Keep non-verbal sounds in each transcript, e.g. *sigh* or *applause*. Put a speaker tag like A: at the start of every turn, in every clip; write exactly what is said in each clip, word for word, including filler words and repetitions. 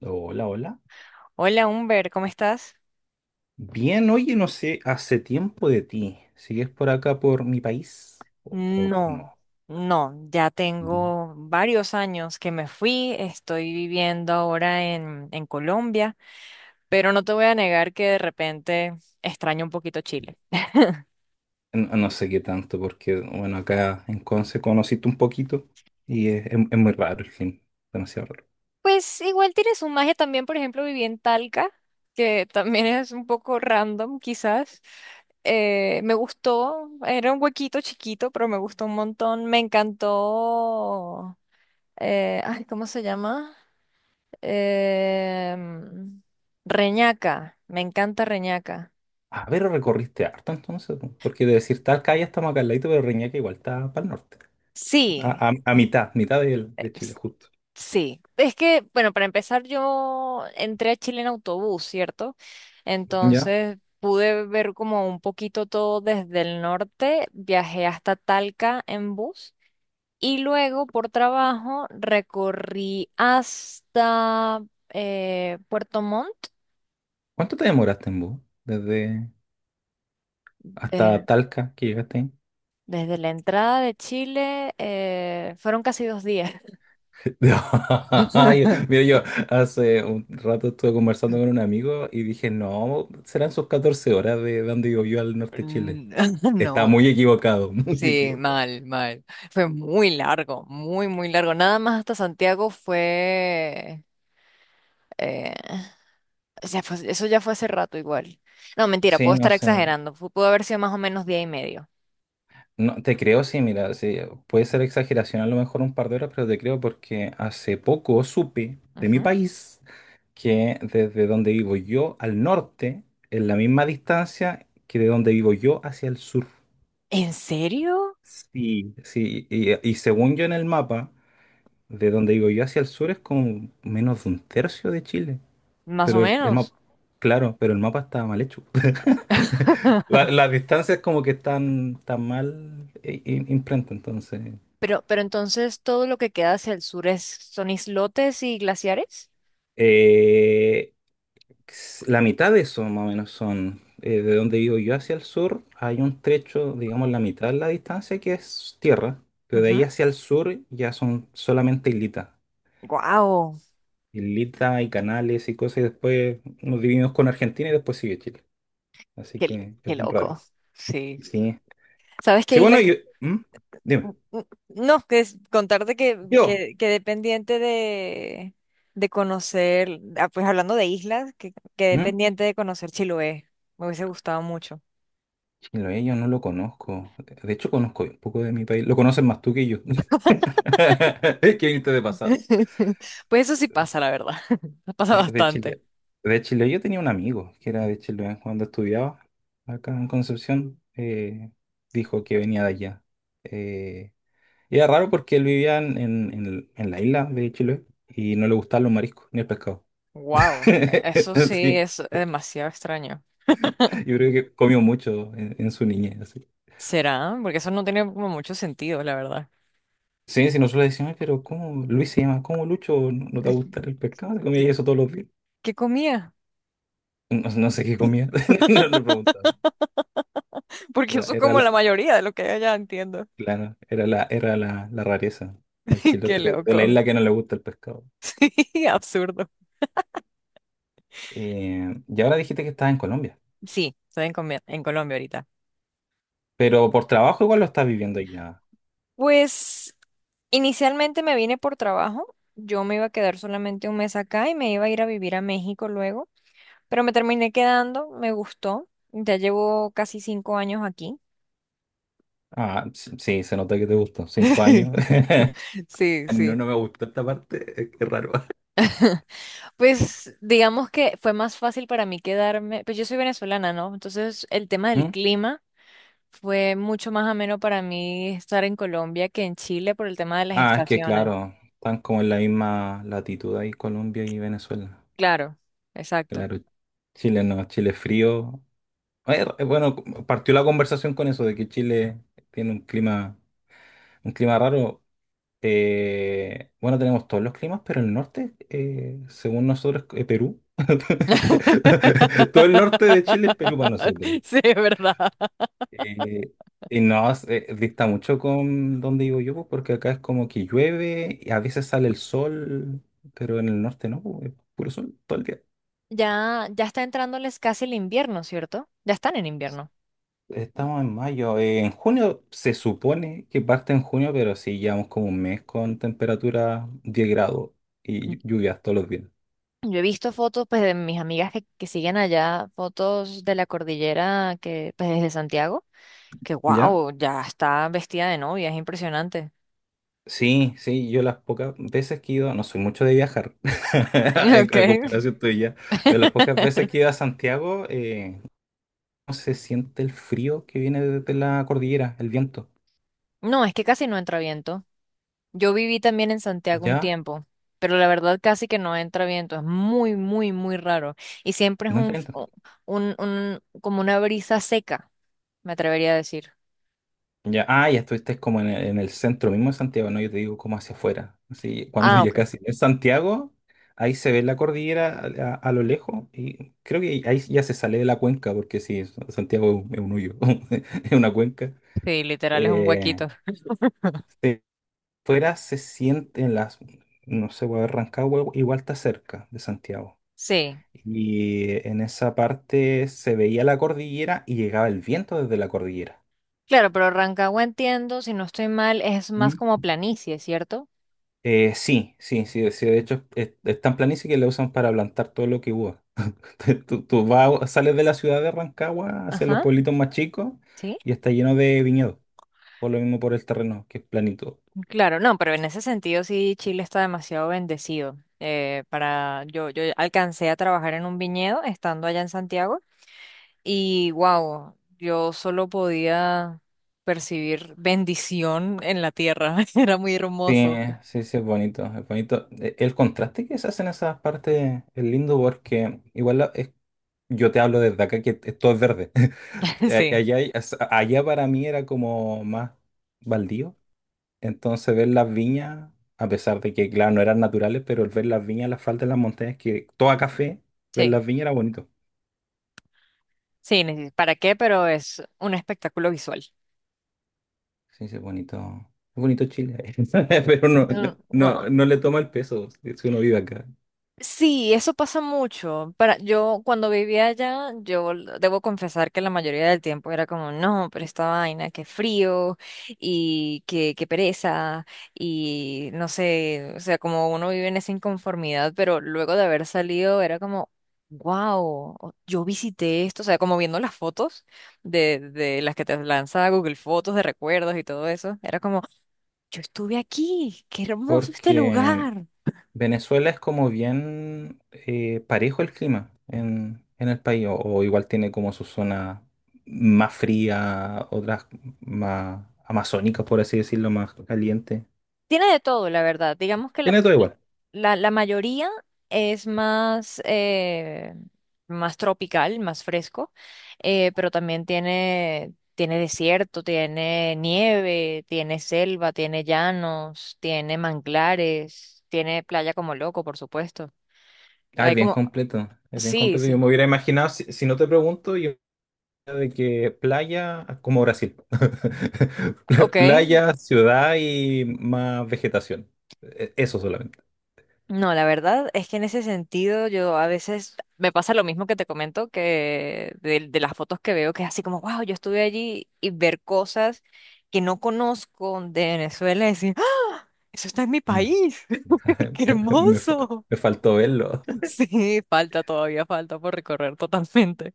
A: Hola, hola.
B: Hola, Humber, ¿cómo estás?
A: Bien, oye, no sé, hace tiempo de ti. ¿Sigues por acá, por mi país? ¿O, o- o
B: No,
A: no?
B: no, ya
A: Mm.
B: tengo varios años que me fui, estoy viviendo ahora en, en Colombia, pero no te voy a negar que de repente extraño un poquito Chile.
A: ¿No? No sé qué tanto, porque, bueno, acá en Conce conociste un poquito y es, es- es muy raro el clima, demasiado raro.
B: Pues igual tiene su magia también, por ejemplo, viví en Talca, que también es un poco random quizás. Eh, me gustó, era un huequito chiquito, pero me gustó un montón, me encantó, eh, ay, ¿cómo se llama? Em, Reñaca, me encanta Reñaca.
A: A ver, recorriste harto entonces, po, porque de decir tal calle estamos acá al ladito, pero Reñaca igual está para el norte,
B: Sí,
A: a, a- a mitad, mitad del- de, Chile,
B: s-
A: justo.
B: sí. Es que, bueno, para empezar, yo entré a Chile en autobús, ¿cierto?
A: ¿Ya?
B: Entonces pude ver como un poquito todo desde el norte, viajé hasta Talca en bus y luego por trabajo recorrí hasta eh, Puerto Montt.
A: ¿Cuánto te demoraste en bus? Desde hasta
B: de-
A: Talca que llegaste.
B: desde la entrada de Chile, eh, fueron casi dos días.
A: *laughs* Ay, mira,
B: *laughs*
A: yo hace un rato estuve conversando con un amigo y dije, no, serán sus catorce horas de donde yo al norte de Chile.
B: Mm, *laughs*
A: Está
B: no,
A: muy equivocado, *laughs* muy
B: sí,
A: equivocado.
B: mal, mal. Fue muy largo, muy, muy largo. Nada más hasta Santiago fue... eh, o sea, fue- eso ya fue hace rato igual. No, mentira,
A: Sí,
B: puedo
A: no
B: estar
A: sé.
B: exagerando. Fu- Pudo haber sido más o menos día y medio.
A: No, te creo, sí, mira, sí, puede ser exageración a lo mejor un par de horas, pero te creo porque hace poco supe de mi
B: Ujú.
A: país que desde donde vivo yo al norte es la misma distancia que de donde vivo yo hacia el sur.
B: ¿En serio?
A: Sí. Sí, y, y según yo en el mapa, de donde digo yo hacia el sur es como menos de un tercio de Chile.
B: Más o
A: Pero el
B: menos.
A: mapa, claro, pero el mapa está mal hecho. *laughs* La-
B: *laughs*
A: las distancias como que están tan mal i- i- imprenta, entonces.
B: Pero, pero entonces todo lo que queda hacia el sur es, son islotes y glaciares.
A: Eh, s- la mitad de eso más o menos son eh, de donde vivo yo hacia el sur. Hay un trecho, digamos, la mitad de la distancia que es tierra. Pero de ahí hacia el sur ya son solamente islitas.
B: Wow,
A: Islitas y canales y cosas. Y después nos dividimos con Argentina y después sigue Chile. Así
B: qué,
A: que es
B: qué
A: bien raro.
B: loco. Sí.
A: Sí.
B: ¿Sabes qué
A: Sí,
B: isla?
A: bueno, yo. ¿Mm? Dime.
B: No, que es contarte que,
A: Yo.
B: que, quedé pendiente de, de conocer, ah, pues hablando de islas, que quedé
A: ¿Mm?
B: pendiente de conocer Chiloé. Me hubiese gustado mucho.
A: Chiloé, yo no lo conozco. De hecho, conozco un poco de mi país. Lo conocen más tú que yo. *laughs* ¿Qué viniste de pasado?
B: *laughs* Pues eso sí pasa, la verdad. *laughs* Pasa
A: Sí, de
B: bastante.
A: Chile. De Chile, yo tenía un amigo que era de Chile, eh, cuando estudiaba acá en Concepción. Eh, dijo que venía de allá. Eh, y era raro porque él vivía en, en- en- en la isla de Chile y no le gustaban los mariscos ni el pescado.
B: Wow, eso
A: *laughs*
B: sí
A: Sí,
B: es demasiado extraño.
A: yo creo que comió mucho en, en su niñez.
B: ¿Será? Porque eso no tiene como mucho sentido, la verdad.
A: Sí, si nosotros le decimos, pero ¿cómo Luis se llama? ¿Cómo Lucho? ¿No no te va a
B: Es-
A: gustar el pescado? Te
B: ¿Qué,
A: comía eso todos los días.
B: qué comía?
A: No, no sé qué comía, *laughs*
B: *laughs*
A: no le preguntaba.
B: Porque
A: Era,
B: eso es
A: era
B: como
A: la,
B: la mayoría de lo que hay allá, entiendo.
A: claro, era la, era la, la rareza, el
B: *laughs* Qué
A: chilote de la
B: loco.
A: isla que no le gusta el pescado.
B: *laughs* Absurdo.
A: Eh, y ahora dijiste que estás en Colombia,
B: Sí, estoy en, Comia- en Colombia ahorita.
A: pero por trabajo igual lo estás viviendo allá.
B: Pues inicialmente me vine por trabajo. Yo me iba a quedar solamente un mes acá y me iba a ir a vivir a México luego, pero me terminé quedando, me gustó. Ya llevo casi cinco años aquí.
A: Ah, s- sí, se nota que te gustó. Cinco años.
B: *laughs*
A: *laughs*
B: Sí,
A: No,
B: sí.
A: no me gustó esta parte, es que es raro.
B: Pues digamos que fue más fácil para mí quedarme, pues yo soy venezolana, ¿no? Entonces el tema del
A: ¿Mm?
B: clima fue mucho más ameno para mí estar en Colombia que en Chile por el tema de las
A: Ah, es que
B: estaciones.
A: claro, están como en la misma latitud ahí Colombia y Venezuela.
B: Claro, exacto.
A: Claro, Chile no, Chile es frío. Eh, eh, Bueno, partió la conversación con eso de que Chile tiene un clima, un clima raro. Eh, bueno, tenemos todos los climas, pero el norte, eh, según nosotros, es Perú. *laughs* Todo el norte de Chile es Perú para nosotros.
B: *laughs* Sí, es verdad.
A: Eh, y no, es- eh, dista mucho con donde vivo yo, pues, porque acá es como que llueve y a veces sale el sol, pero en el norte no, pues, es puro sol todo el día.
B: Ya, ya está entrándoles casi el invierno, ¿cierto? Ya están en invierno.
A: Estamos en mayo. Eh, en junio se supone que parte en junio, pero sí llevamos como un mes con temperatura diez grados y llu- lluvias todos los días.
B: Yo he visto fotos pues de mis amigas que, que siguen allá, fotos de la cordillera que pues desde Santiago, que
A: ¿Ya?
B: wow, ya está vestida de novia, es impresionante. *laughs*
A: Sí, sí, yo las pocas veces que he ido, no soy mucho de viajar, *laughs* en,
B: Ok.
A: a comparación tuya, pero las pocas veces
B: *laughs*
A: que he ido a Santiago, eh, no se siente el frío que viene de de la cordillera, el viento.
B: No, es que casi no entra viento. Yo viví también en Santiago un
A: ¿Ya?
B: tiempo, pero la verdad casi que no entra viento, es muy, muy, muy raro. Y siempre es
A: No
B: un,
A: entiendo.
B: o- un, un- como una brisa seca, me atrevería a decir.
A: Ya, ah, ya estuviste como en el, en el centro mismo de Santiago, no, yo te digo como hacia afuera. Así, cuando
B: Ah,
A: ya
B: ok.
A: casi en Santiago, ahí se ve la cordillera a, a- a lo lejos y creo que ahí ya se sale de la cuenca, porque sí, Santiago es un hoyo, *laughs* es una cuenca.
B: Sí, literal es un
A: Eh,
B: huequito.
A: si fuera se siente en las, no sé, voy a Rancagua igual está cerca de Santiago.
B: Sí,
A: Y en esa parte se veía la cordillera y llegaba el viento desde la cordillera.
B: claro, pero Rancagua entiendo, si no estoy mal, es más como planicie, ¿cierto?
A: Eh, sí, sí, sí, sí, de hecho es, es tan planicie que la usan para plantar todo lo que hubo. *laughs* Tú, tú vas, sales de la ciudad de Rancagua hacia los
B: Ajá,
A: pueblitos más chicos
B: sí.
A: y está lleno de viñedos, por lo mismo por el terreno, que es planito.
B: Claro, no, pero en ese sentido sí, Chile está demasiado bendecido. Eh, para, yo, yo alcancé a trabajar en un viñedo estando allá en Santiago. Y wow, yo solo podía percibir bendición en la tierra. *laughs* Era muy
A: Sí,
B: hermoso.
A: sí, sí, es bonito, es bonito. E- El contraste que se hace en esas partes es lindo porque igual la- es- yo te hablo desde acá que es- todo es verde. *laughs*
B: *laughs*
A: A-
B: Sí,
A: Allá, hay- as- allá para mí era como más baldío. Entonces ver las viñas, a pesar de que, claro, no eran naturales, pero el ver las viñas, las faldas de las montañas, que toda café, ver
B: sí,
A: las viñas era bonito.
B: sí, ni- ¿para qué? Pero es un espectáculo visual.
A: Sí, sí, es bonito. Es bonito Chile, *laughs* pero no, no,
B: Mm,
A: no no
B: no,
A: le toma el peso si uno vive acá.
B: sí, eso pasa mucho. Para, yo cuando vivía allá, yo l- debo confesar que la mayoría del tiempo era como, no, pero esta vaina, qué frío y qué, qué pereza y no sé, o sea, como uno vive en esa inconformidad, pero luego de haber salido era como, wow, yo visité esto, o sea, como viendo las fotos de, de las que te lanza Google Fotos de recuerdos y todo eso, era como, yo estuve aquí, qué hermoso este
A: Porque
B: lugar.
A: Venezuela es como bien eh, parejo el clima en, en el país, o, o igual tiene como su zona más fría, otras más amazónicas, por así decirlo, más caliente.
B: Tiene de todo, la verdad. Digamos que la,
A: Tiene todo igual.
B: la- la mayoría es más, eh, más tropical, más fresco, eh, pero también tiene, tiene desierto, tiene nieve, tiene selva, tiene llanos, tiene manglares, tiene playa como loco, por supuesto.
A: Ah, es
B: Hay
A: bien
B: como,
A: completo, es bien
B: sí,
A: completo. Yo
B: sí,
A: me hubiera imaginado, si, si no te pregunto, yo de que playa, como Brasil,
B: ok.
A: *laughs* playa, ciudad y más vegetación. E- Eso solamente.
B: No, la verdad es que en ese sentido yo a veces me pasa lo mismo que te comento, que de, de las fotos que veo, que es así como, wow, yo estuve allí y ver cosas que no conozco de Venezuela y decir, "¡Ah! eso está en mi
A: Mm.
B: país, *laughs* qué
A: *laughs* Me, fa-
B: hermoso.
A: Me faltó verlo.
B: Sí, falta todavía, falta por recorrer totalmente.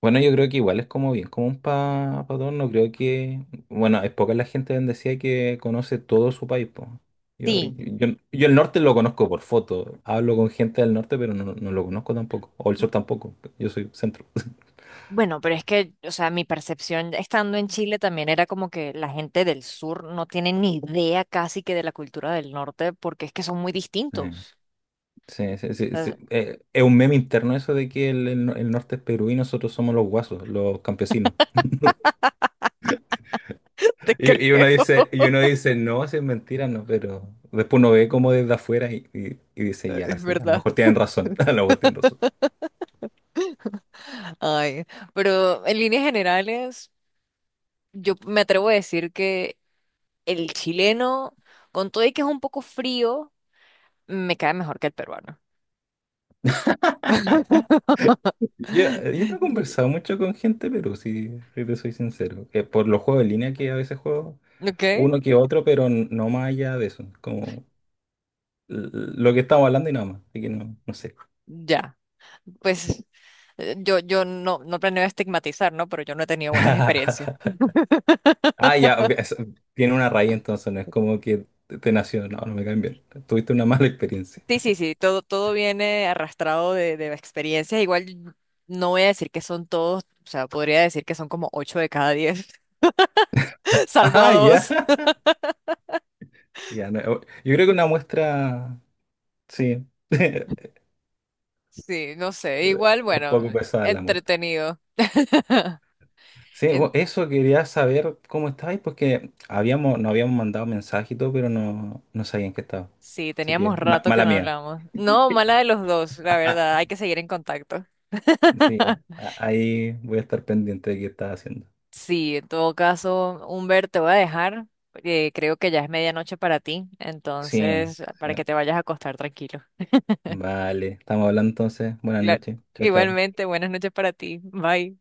A: Bueno, yo creo que igual es como bien común para pa pa todos, no creo que, bueno, es poca la gente bendecida que conoce todo su país, po. Yo, yo,
B: Sí,
A: yo yo el norte lo conozco por foto, hablo con gente del norte, pero no, no lo conozco tampoco, o el sur tampoco, yo soy centro.
B: bueno, pero es que, o sea, mi percepción estando en Chile también era como que la gente del sur no tiene ni idea casi que de la cultura del norte porque es que son muy
A: Sí,
B: distintos.
A: sí, sí, sí, sí. Eh, es un meme interno eso de que el, el no- el norte es Perú y nosotros somos los guasos, los campesinos.
B: Te
A: Y, y uno
B: creo,
A: dice, y uno dice, no, si es mentira, no, pero después uno ve como desde afuera y, y- y
B: *laughs*
A: dice, ya,
B: es
A: sí, a lo
B: verdad.
A: mejor tienen razón, *laughs* a lo mejor tienen razón.
B: Ay, pero en líneas generales, yo me atrevo a decir que el chileno, con todo y que es un poco frío, me cae mejor que el peruano.
A: Ya, yo no he
B: *laughs*
A: conversado mucho con gente, pero si, si te soy sincero, que por los juegos en línea que a veces juego,
B: ¿Ok?
A: uno que otro, pero n- no más allá de eso, como l- lo que estamos hablando y nada más, así que no, no sé.
B: Ya. Pues eh, yo, yo no, no planeo estigmatizar, ¿no? Pero yo no he tenido buenas experiencias.
A: *laughs* Ah, ya, obvi- es- tiene una raíz entonces, no es como que te te nació, no, no me caen bien. Tuviste una mala experiencia.
B: Sí,
A: *laughs*
B: sí, sí, todo, todo viene arrastrado de, de experiencias. Igual no voy a decir que son todos, o sea, podría decir que son como ocho de cada diez, *laughs* salvo a
A: Ah, ya.
B: dos.
A: Ya, no, yo creo que una muestra, sí, *laughs*
B: Sí, no sé, igual,
A: un
B: bueno,
A: poco pesada la muestra.
B: entretenido.
A: Sí, bu-
B: En-
A: eso quería saber cómo estabais, porque habíamos, nos habíamos mandado mensaje y todo, pero no, no sabían que estaba.
B: Sí,
A: Así
B: teníamos
A: que, ma-
B: rato que
A: mala
B: no
A: mía.
B: hablamos. No, mala de los dos, la verdad, hay que seguir en contacto.
A: Sí,
B: *laughs*
A: a- ahí voy a estar pendiente de qué estás haciendo.
B: Sí, en todo caso, Humbert, te voy a dejar. Eh, creo que ya es medianoche para ti,
A: Sí,
B: entonces,
A: sí.
B: para que te vayas a acostar tranquilo.
A: Vale, estamos hablando entonces. Buenas
B: Claro.
A: noches. Chao, chao.
B: Igualmente, buenas noches para ti. Bye.